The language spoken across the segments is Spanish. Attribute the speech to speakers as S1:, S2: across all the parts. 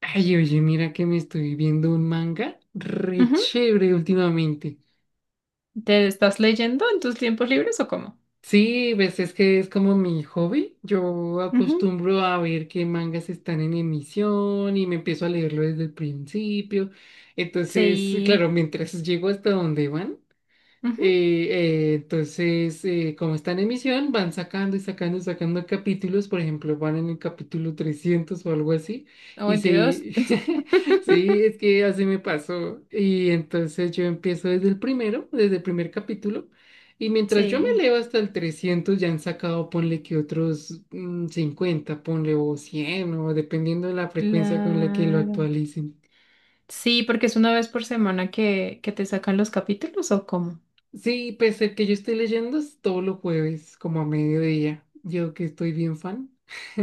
S1: Ay, oye, mira que me estoy viendo un manga re
S2: Ujú.
S1: chévere últimamente.
S2: ¿Te estás leyendo en tus tiempos libres o cómo?
S1: Sí, pues es que es como mi hobby. Yo
S2: Ujú.
S1: acostumbro a ver qué mangas están en emisión y me empiezo a leerlo desde el principio. Entonces,
S2: Sí.
S1: claro, mientras llego hasta donde van.
S2: Ujú.
S1: Entonces, como está en emisión, van sacando y sacando y sacando capítulos. Por ejemplo, van en el capítulo 300 o algo así,
S2: Oh,
S1: y
S2: Dios.
S1: sí, sí, es que así me pasó, y entonces yo empiezo desde el primero, desde el primer capítulo, y mientras yo me
S2: Sí,
S1: leo hasta el 300, ya han sacado, ponle que otros 50, ponle o 100, o dependiendo de la frecuencia con la que lo
S2: claro.
S1: actualicen.
S2: Sí, porque es una vez por semana que te sacan los capítulos o cómo.
S1: Sí, pese a que yo estoy leyendo es todos los jueves, como a mediodía. Yo que estoy bien fan.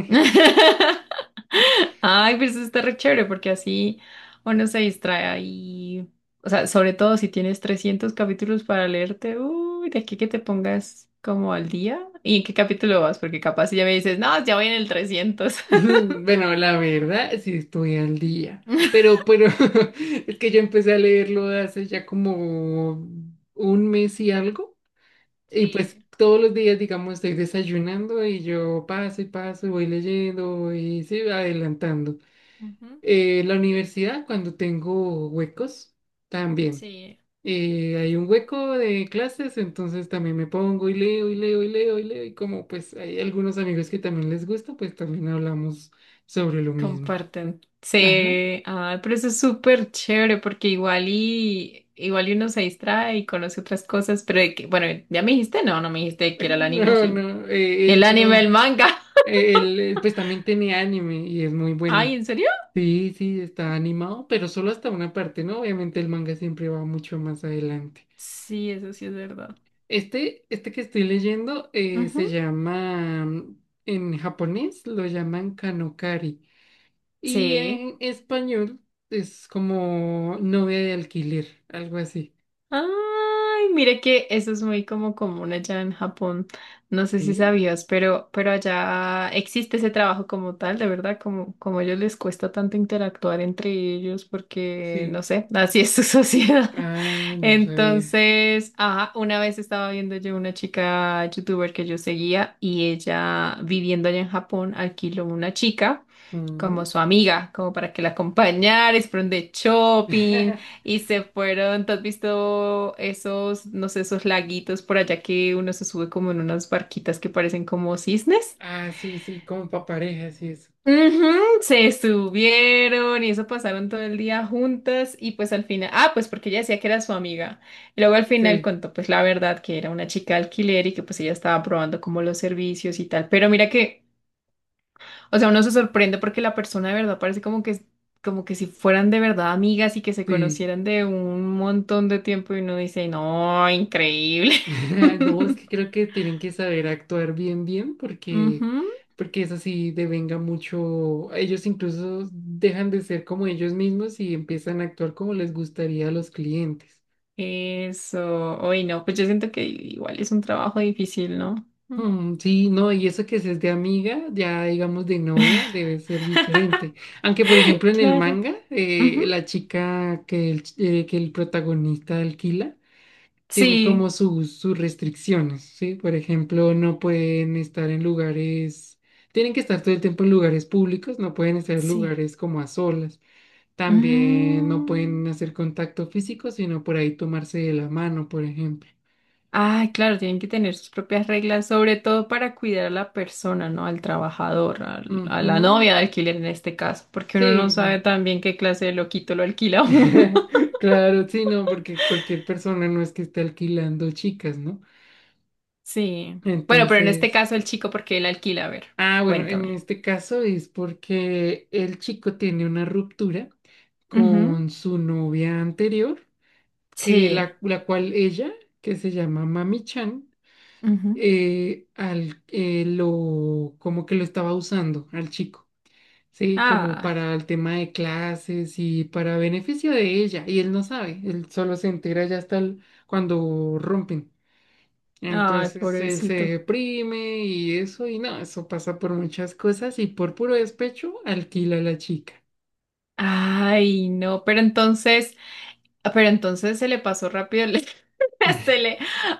S2: Ay, pues eso está re chévere porque así uno se distrae y, o sea, sobre todo si tienes 300 capítulos para leerte, uy, de aquí que te pongas como al día. ¿Y en qué capítulo vas? Porque capaz si ya me dices, no, ya voy en el 300.
S1: Bueno, la verdad, sí estoy al día. Pero, es que yo empecé a leerlo hace ya como un mes y algo. Y pues
S2: Sí,
S1: todos los días, digamos, estoy desayunando y yo paso y paso y voy leyendo y sí, adelantando.
S2: ujú,
S1: La universidad, cuando tengo huecos, también.
S2: sí,
S1: Hay un hueco de clases, entonces también me pongo y leo y leo y leo y leo, y como pues hay algunos amigos que también les gusta, pues también hablamos sobre lo mismo.
S2: comparten.
S1: Ajá.
S2: Sí, ah, pero eso es súper chévere porque igual y uno se distrae y conoce otras cosas, pero de que, bueno, ya me dijiste, no, no me dijiste que era el anime, ¿o
S1: No,
S2: sí?
S1: no, el
S2: El anime, el
S1: mío,
S2: manga.
S1: él, pues también tiene anime y es muy
S2: Ay,
S1: bueno.
S2: ¿en serio?
S1: Sí, sí, está animado, pero solo hasta una parte, ¿no? Obviamente el manga siempre va mucho más adelante.
S2: Sí, eso sí es verdad.
S1: Este que estoy leyendo, se
S2: Ujú,
S1: llama, en japonés lo llaman Kanokari. Y
S2: sí.
S1: en español es como novia de alquiler, algo así.
S2: Ay, mire que eso es muy como común allá en Japón. No sé si
S1: ¿Sí?
S2: sabías, pero allá existe ese trabajo como tal, de verdad, como a ellos les cuesta tanto interactuar entre ellos porque, no
S1: Sí.
S2: sé, así es su sociedad.
S1: Ah, no sabía.
S2: Entonces, ajá, una vez estaba viendo yo una chica youtuber que yo seguía y ella viviendo allá en Japón alquiló una chica como
S1: Mm.
S2: su amiga, como para que la acompañara, y se fueron de shopping. Y se fueron, ¿te has visto esos, no sé, esos laguitos por allá que uno se sube como en unas barquitas que parecen como cisnes?
S1: Ah, sí, sí, como para parejas sí, eso.
S2: Ujú, se subieron y eso, pasaron todo el día juntas y pues al final, ah, pues porque ella decía que era su amiga. Y luego al final
S1: Sí,
S2: contó pues la verdad que era una chica de alquiler y que pues ella estaba probando como los servicios y tal. Pero mira que, o sea, uno se sorprende porque la persona de verdad parece como que si fueran de verdad amigas y que se
S1: sí.
S2: conocieran de un montón de tiempo y uno dice, no, increíble.
S1: No, es que creo que tienen que saber actuar bien, bien, porque,
S2: Ujú,
S1: porque eso sí devenga mucho. Ellos incluso dejan de ser como ellos mismos y empiezan a actuar como les gustaría a los clientes.
S2: eso, hoy no, pues yo siento que igual es un trabajo difícil, ¿no? Mm.
S1: Mm, sí, no, y eso que si es de amiga, ya digamos de novia, debe ser diferente. Aunque, por ejemplo, en el
S2: Claro.
S1: manga,
S2: Ujú,
S1: la chica que el protagonista alquila tiene como
S2: sí,
S1: sus restricciones, ¿sí? Por ejemplo, no pueden estar en lugares, tienen que estar todo el tiempo en lugares públicos, no pueden estar en
S2: sí.
S1: lugares como a solas. También no
S2: Mm.
S1: pueden hacer contacto físico, sino por ahí tomarse de la mano, por ejemplo.
S2: Ay, claro, tienen que tener sus propias reglas, sobre todo para cuidar a la persona, ¿no? Al trabajador, a la
S1: Ujú.
S2: novia de alquiler en este caso, porque uno no
S1: Sí.
S2: sabe también qué clase de loquito lo alquila a uno.
S1: Claro, sí, no, porque cualquier persona no es que esté alquilando chicas, ¿no?
S2: Sí. Bueno, pero en este
S1: Entonces,
S2: caso el chico, ¿porque él alquila? A ver,
S1: ah, bueno, en
S2: cuéntame.
S1: este caso es porque el chico tiene una ruptura
S2: Ujú.
S1: con su novia anterior, que
S2: Sí.
S1: la, que se llama Mami Chan,
S2: Ujú.
S1: como que lo estaba usando al chico. Sí, como
S2: Ah,
S1: para el tema de clases y para beneficio de ella. Y él no sabe, él solo se entera ya hasta cuando rompen.
S2: ay,
S1: Entonces él se
S2: pobrecito.
S1: deprime y eso, y no, eso pasa por muchas cosas y por puro despecho alquila a la chica.
S2: Ay, no, pero entonces. Ah, pero entonces se le pasó rápido se le.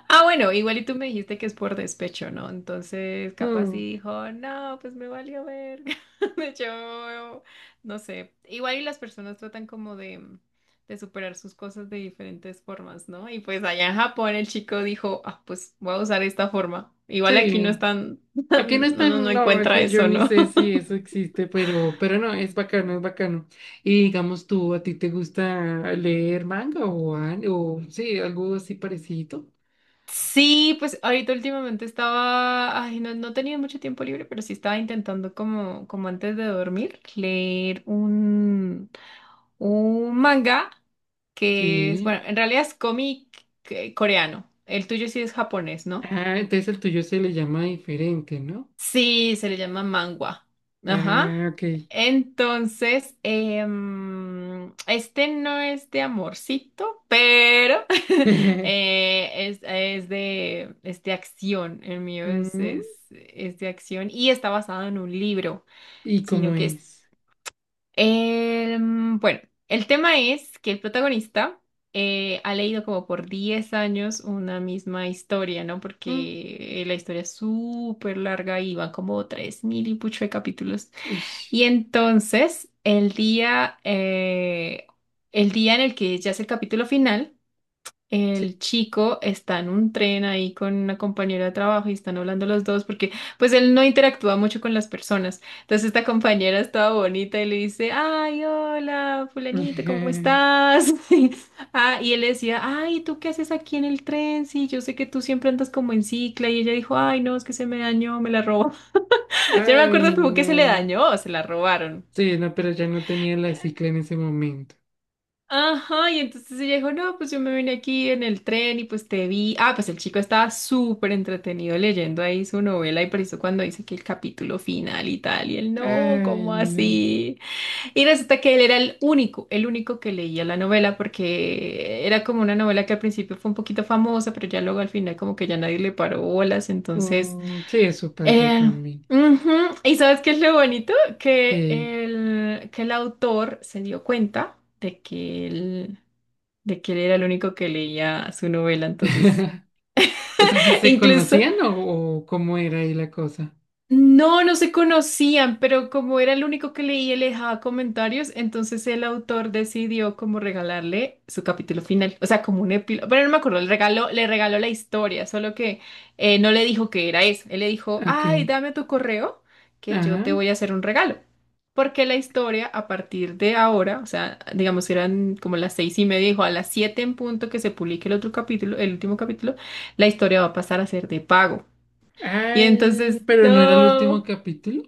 S2: Ah, bueno, igual y tú me dijiste que es por despecho, ¿no? Entonces, capaz sí
S1: Mm,
S2: dijo, no, pues me valió ver. Yo, no sé. Igual y las personas tratan como de superar sus cosas de diferentes formas, ¿no? Y pues allá en Japón el chico dijo, ah, pues voy a usar esta forma. Igual aquí no
S1: sí,
S2: están,
S1: aquí no
S2: no, no, no
S1: están. No,
S2: encuentra
S1: aquí yo
S2: eso,
S1: ni
S2: ¿no?
S1: sé si eso existe, pero, no, es bacano, es bacano. Y digamos tú, ¿a ti te gusta leer manga o sí, algo así parecido?
S2: Sí, pues ahorita últimamente estaba, ay, no, no tenía mucho tiempo libre, pero sí estaba intentando como antes de dormir, leer un manga que es,
S1: Sí.
S2: bueno, en realidad es cómic coreano. El tuyo sí es japonés, ¿no?
S1: Ah, entonces el tuyo se le llama diferente, ¿no?
S2: Sí, se le llama mangua. Ajá.
S1: Ah, ok.
S2: Entonces, este no es de amorcito, pero es de acción. El mío es,
S1: Mm,
S2: es, es de acción y está basado en un libro,
S1: ¿Y cómo
S2: sino que es.
S1: es?
S2: Bueno, el tema es que el protagonista ha leído como por 10 años una misma historia, ¿no?
S1: Mm,
S2: Porque la historia es súper larga y van como 3000 y pucho de capítulos.
S1: uy,
S2: Y entonces, el día en el que ya es el capítulo final,
S1: sí.
S2: el chico está en un tren ahí con una compañera de trabajo y están hablando los dos porque pues él no interactúa mucho con las personas. Entonces esta compañera estaba bonita y le dice, ay, hola, fulanito, ¿cómo estás? Ah, y él le decía, ay, ¿tú qué haces aquí en el tren? Sí, yo sé que tú siempre andas como en cicla y ella dijo, ay, no, es que se me dañó, me la robó. Yo no me
S1: Ay,
S2: acuerdo como que se le
S1: no.
S2: dañó o se la robaron.
S1: Sí, no, pero ya no tenía la cicla en ese momento.
S2: Ajá, y entonces ella dijo, no, pues yo me vine aquí en el tren y pues te vi. Ah, pues el chico estaba súper entretenido leyendo ahí su novela y por eso cuando dice que el capítulo final y tal, y él, no,
S1: Ay,
S2: ¿cómo
S1: no.
S2: así? Y resulta que él era el único que leía la novela porque era como una novela que al principio fue un poquito famosa, pero ya luego al final como que ya nadie le paró bolas, entonces.
S1: Mm, sí, eso pasa
S2: Eh,
S1: también.
S2: ujú. ¿Y sabes qué es lo bonito? Que
S1: Que...
S2: el, que el autor se dio cuenta de que él era el único que leía su novela, entonces
S1: O sea, ¿se, se
S2: incluso.
S1: conocían o cómo era ahí la cosa?
S2: No, no se conocían, pero como era el único que leía y le dejaba comentarios, entonces el autor decidió como regalarle su capítulo final, o sea, como un epílogo, pero no me acuerdo, le regaló la historia, solo que no le dijo que era eso, él le dijo,
S1: Ok.
S2: ay, dame tu correo, que
S1: Ajá.
S2: yo te voy a hacer un regalo, porque la historia a partir de ahora, o sea, digamos que eran como las 6:30, dijo a las 7 en punto que se publique el otro capítulo, el último capítulo, la historia va a pasar a ser de pago. Y
S1: Ay,
S2: entonces,
S1: pero no era el último
S2: no.
S1: capítulo.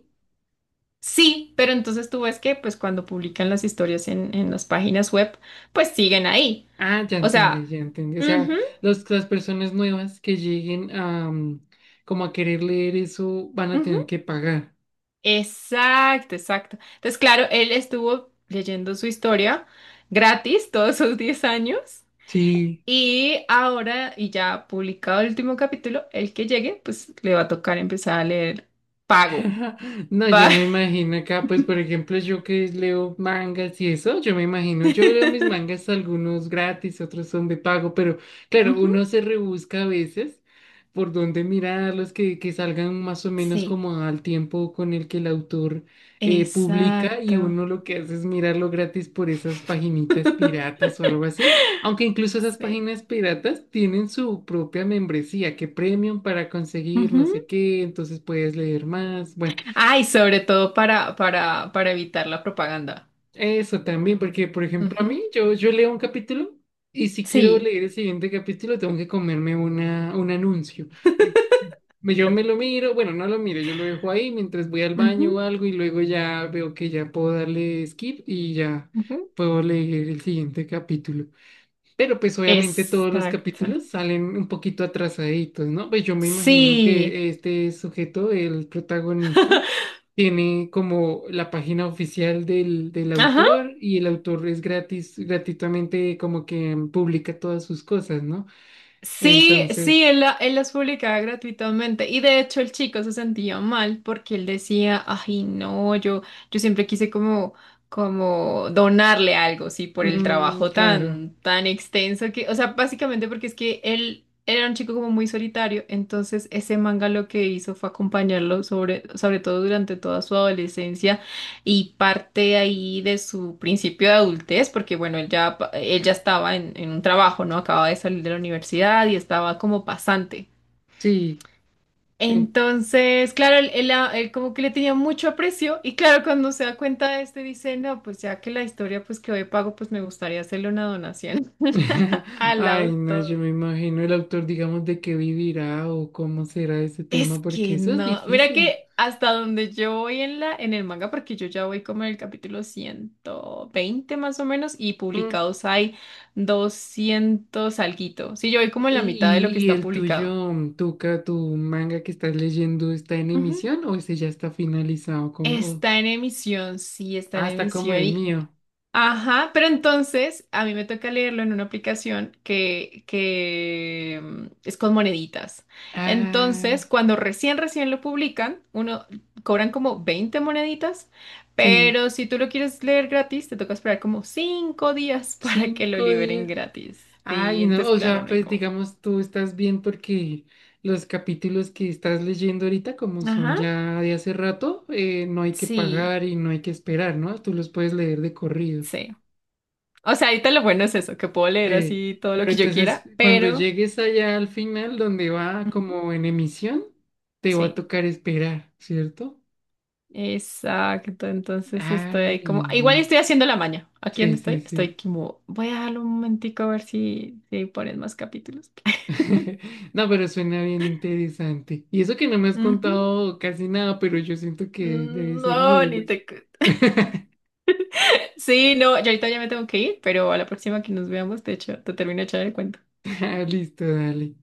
S2: Sí, pero entonces tú ves que pues cuando publican las historias en las páginas web, pues siguen ahí.
S1: Ah, ya
S2: O sea,
S1: entendí, ya entendí. O sea,
S2: ujú,
S1: las personas nuevas que lleguen a, como a querer leer eso van a
S2: ujú,
S1: tener que pagar.
S2: exacto, exacto. Entonces, claro, él estuvo leyendo su historia gratis todos sus 10 años
S1: Sí.
S2: y ahora, y ya publicado el último capítulo, el que llegue, pues le va a tocar empezar a leer pago.
S1: No, yo
S2: Pa-
S1: me imagino acá, pues por ejemplo, yo que leo mangas y eso, yo me imagino, yo leo mis mangas, algunos gratis, otros son de pago, pero claro,
S2: Ujú,
S1: uno se rebusca a veces por dónde mirarlos, que, salgan más o menos
S2: sí,
S1: como al tiempo con el que el autor publica, y
S2: exacto.
S1: uno lo que hace es mirarlo gratis por esas paginitas piratas o algo así. Aunque incluso esas
S2: Sí.
S1: páginas piratas tienen su propia membresía, que premium para conseguir no sé qué, entonces puedes leer más. Bueno,
S2: Ay, sobre todo para evitar la propaganda.
S1: eso también, porque por ejemplo a
S2: Ujú.
S1: mí, yo leo un capítulo y si quiero
S2: Sí.
S1: leer el siguiente capítulo tengo que comerme un anuncio. Entonces, yo me lo miro, bueno, no lo miro, yo lo dejo ahí mientras voy al
S2: Ujú,
S1: baño o algo y luego ya veo que ya puedo darle skip y ya
S2: ujú.
S1: puedo leer el siguiente capítulo. Pero pues obviamente todos los
S2: Exacto.
S1: capítulos salen un poquito atrasaditos, ¿no? Pues yo me imagino
S2: Sí.
S1: que este sujeto, el protagonista, tiene como la página oficial del,
S2: Ajá.
S1: autor, y el autor es gratis, gratuitamente como que publica todas sus cosas, ¿no?
S2: Sí, sí,
S1: Entonces,
S2: él las publicaba gratuitamente y de hecho el chico se sentía mal porque él decía, ay no, yo siempre quise como donarle algo, sí, por el trabajo
S1: claro,
S2: tan, tan extenso que, o sea, básicamente porque es que él era un chico como muy solitario, entonces ese manga lo que hizo fue acompañarlo sobre todo durante toda su adolescencia y parte ahí de su principio de adultez, porque bueno, él ya estaba en un trabajo, ¿no? Acababa de salir de la universidad y estaba como pasante.
S1: sí. eh,
S2: Entonces, claro, él como que le tenía mucho aprecio y claro, cuando se da cuenta de este, dice, no, pues ya que la historia pues que hoy pago, pues me gustaría hacerle una donación al
S1: Ay, no, yo
S2: autor.
S1: me imagino el autor, digamos, de qué vivirá o cómo será ese
S2: Es
S1: tema, porque
S2: que
S1: eso es
S2: no, mira
S1: difícil.
S2: que hasta donde yo voy en el manga, porque yo ya voy como en el capítulo 120 más o menos, y
S1: Mm.
S2: publicados hay 200 alguito. Sí, yo voy como en
S1: ¿Y,
S2: la mitad de lo que
S1: y- y
S2: está
S1: el
S2: publicado.
S1: tuyo, Tuca, tu manga que estás leyendo, está en
S2: Ujú.
S1: emisión o ese ya está finalizado? Como, o-
S2: Está en emisión, sí, está en
S1: ah, está como
S2: emisión.
S1: el
S2: Y
S1: mío.
S2: ajá, pero entonces a mí me toca leerlo en una aplicación que es con moneditas.
S1: Ah,
S2: Entonces, cuando recién, recién lo publican, uno cobran como 20 moneditas,
S1: sí,
S2: pero si tú lo quieres leer gratis, te toca esperar como 5 días para que lo
S1: cinco
S2: liberen
S1: días.
S2: gratis. Sí,
S1: Ay, no,
S2: entonces,
S1: o
S2: claro,
S1: sea,
S2: no hay
S1: pues
S2: como.
S1: digamos, tú estás bien porque los capítulos que estás leyendo ahorita, como son
S2: Ajá,
S1: ya de hace rato, no hay que
S2: sí,
S1: pagar y no hay que esperar, ¿no? Tú los puedes leer de corrido.
S2: sí. O sea, ahorita lo bueno es eso, que puedo leer
S1: Eh,
S2: así todo lo
S1: pero
S2: que yo
S1: entonces,
S2: quiera,
S1: cuando
S2: pero.
S1: llegues allá al final, donde va
S2: Ujú,
S1: como en emisión, te va a
S2: sí.
S1: tocar esperar, ¿cierto?
S2: Exacto, entonces estoy ahí
S1: Ay,
S2: como, igual
S1: no.
S2: estoy haciendo la maña. ¿Aquí
S1: Sí,
S2: donde
S1: sí,
S2: estoy? Estoy
S1: sí.
S2: como, voy a dejarlo un momentico a ver si ponen más capítulos.
S1: No, pero suena bien interesante. Y eso que no me has
S2: Ujú.
S1: contado casi nada, pero yo siento que debe
S2: Mm,
S1: ser
S2: no,
S1: muy
S2: ni
S1: bueno.
S2: te. Sí, no, yo ahorita ya me tengo que ir, pero a la próxima que nos veamos, de hecho, te termino de echar el cuento.
S1: Ah, listo, dale.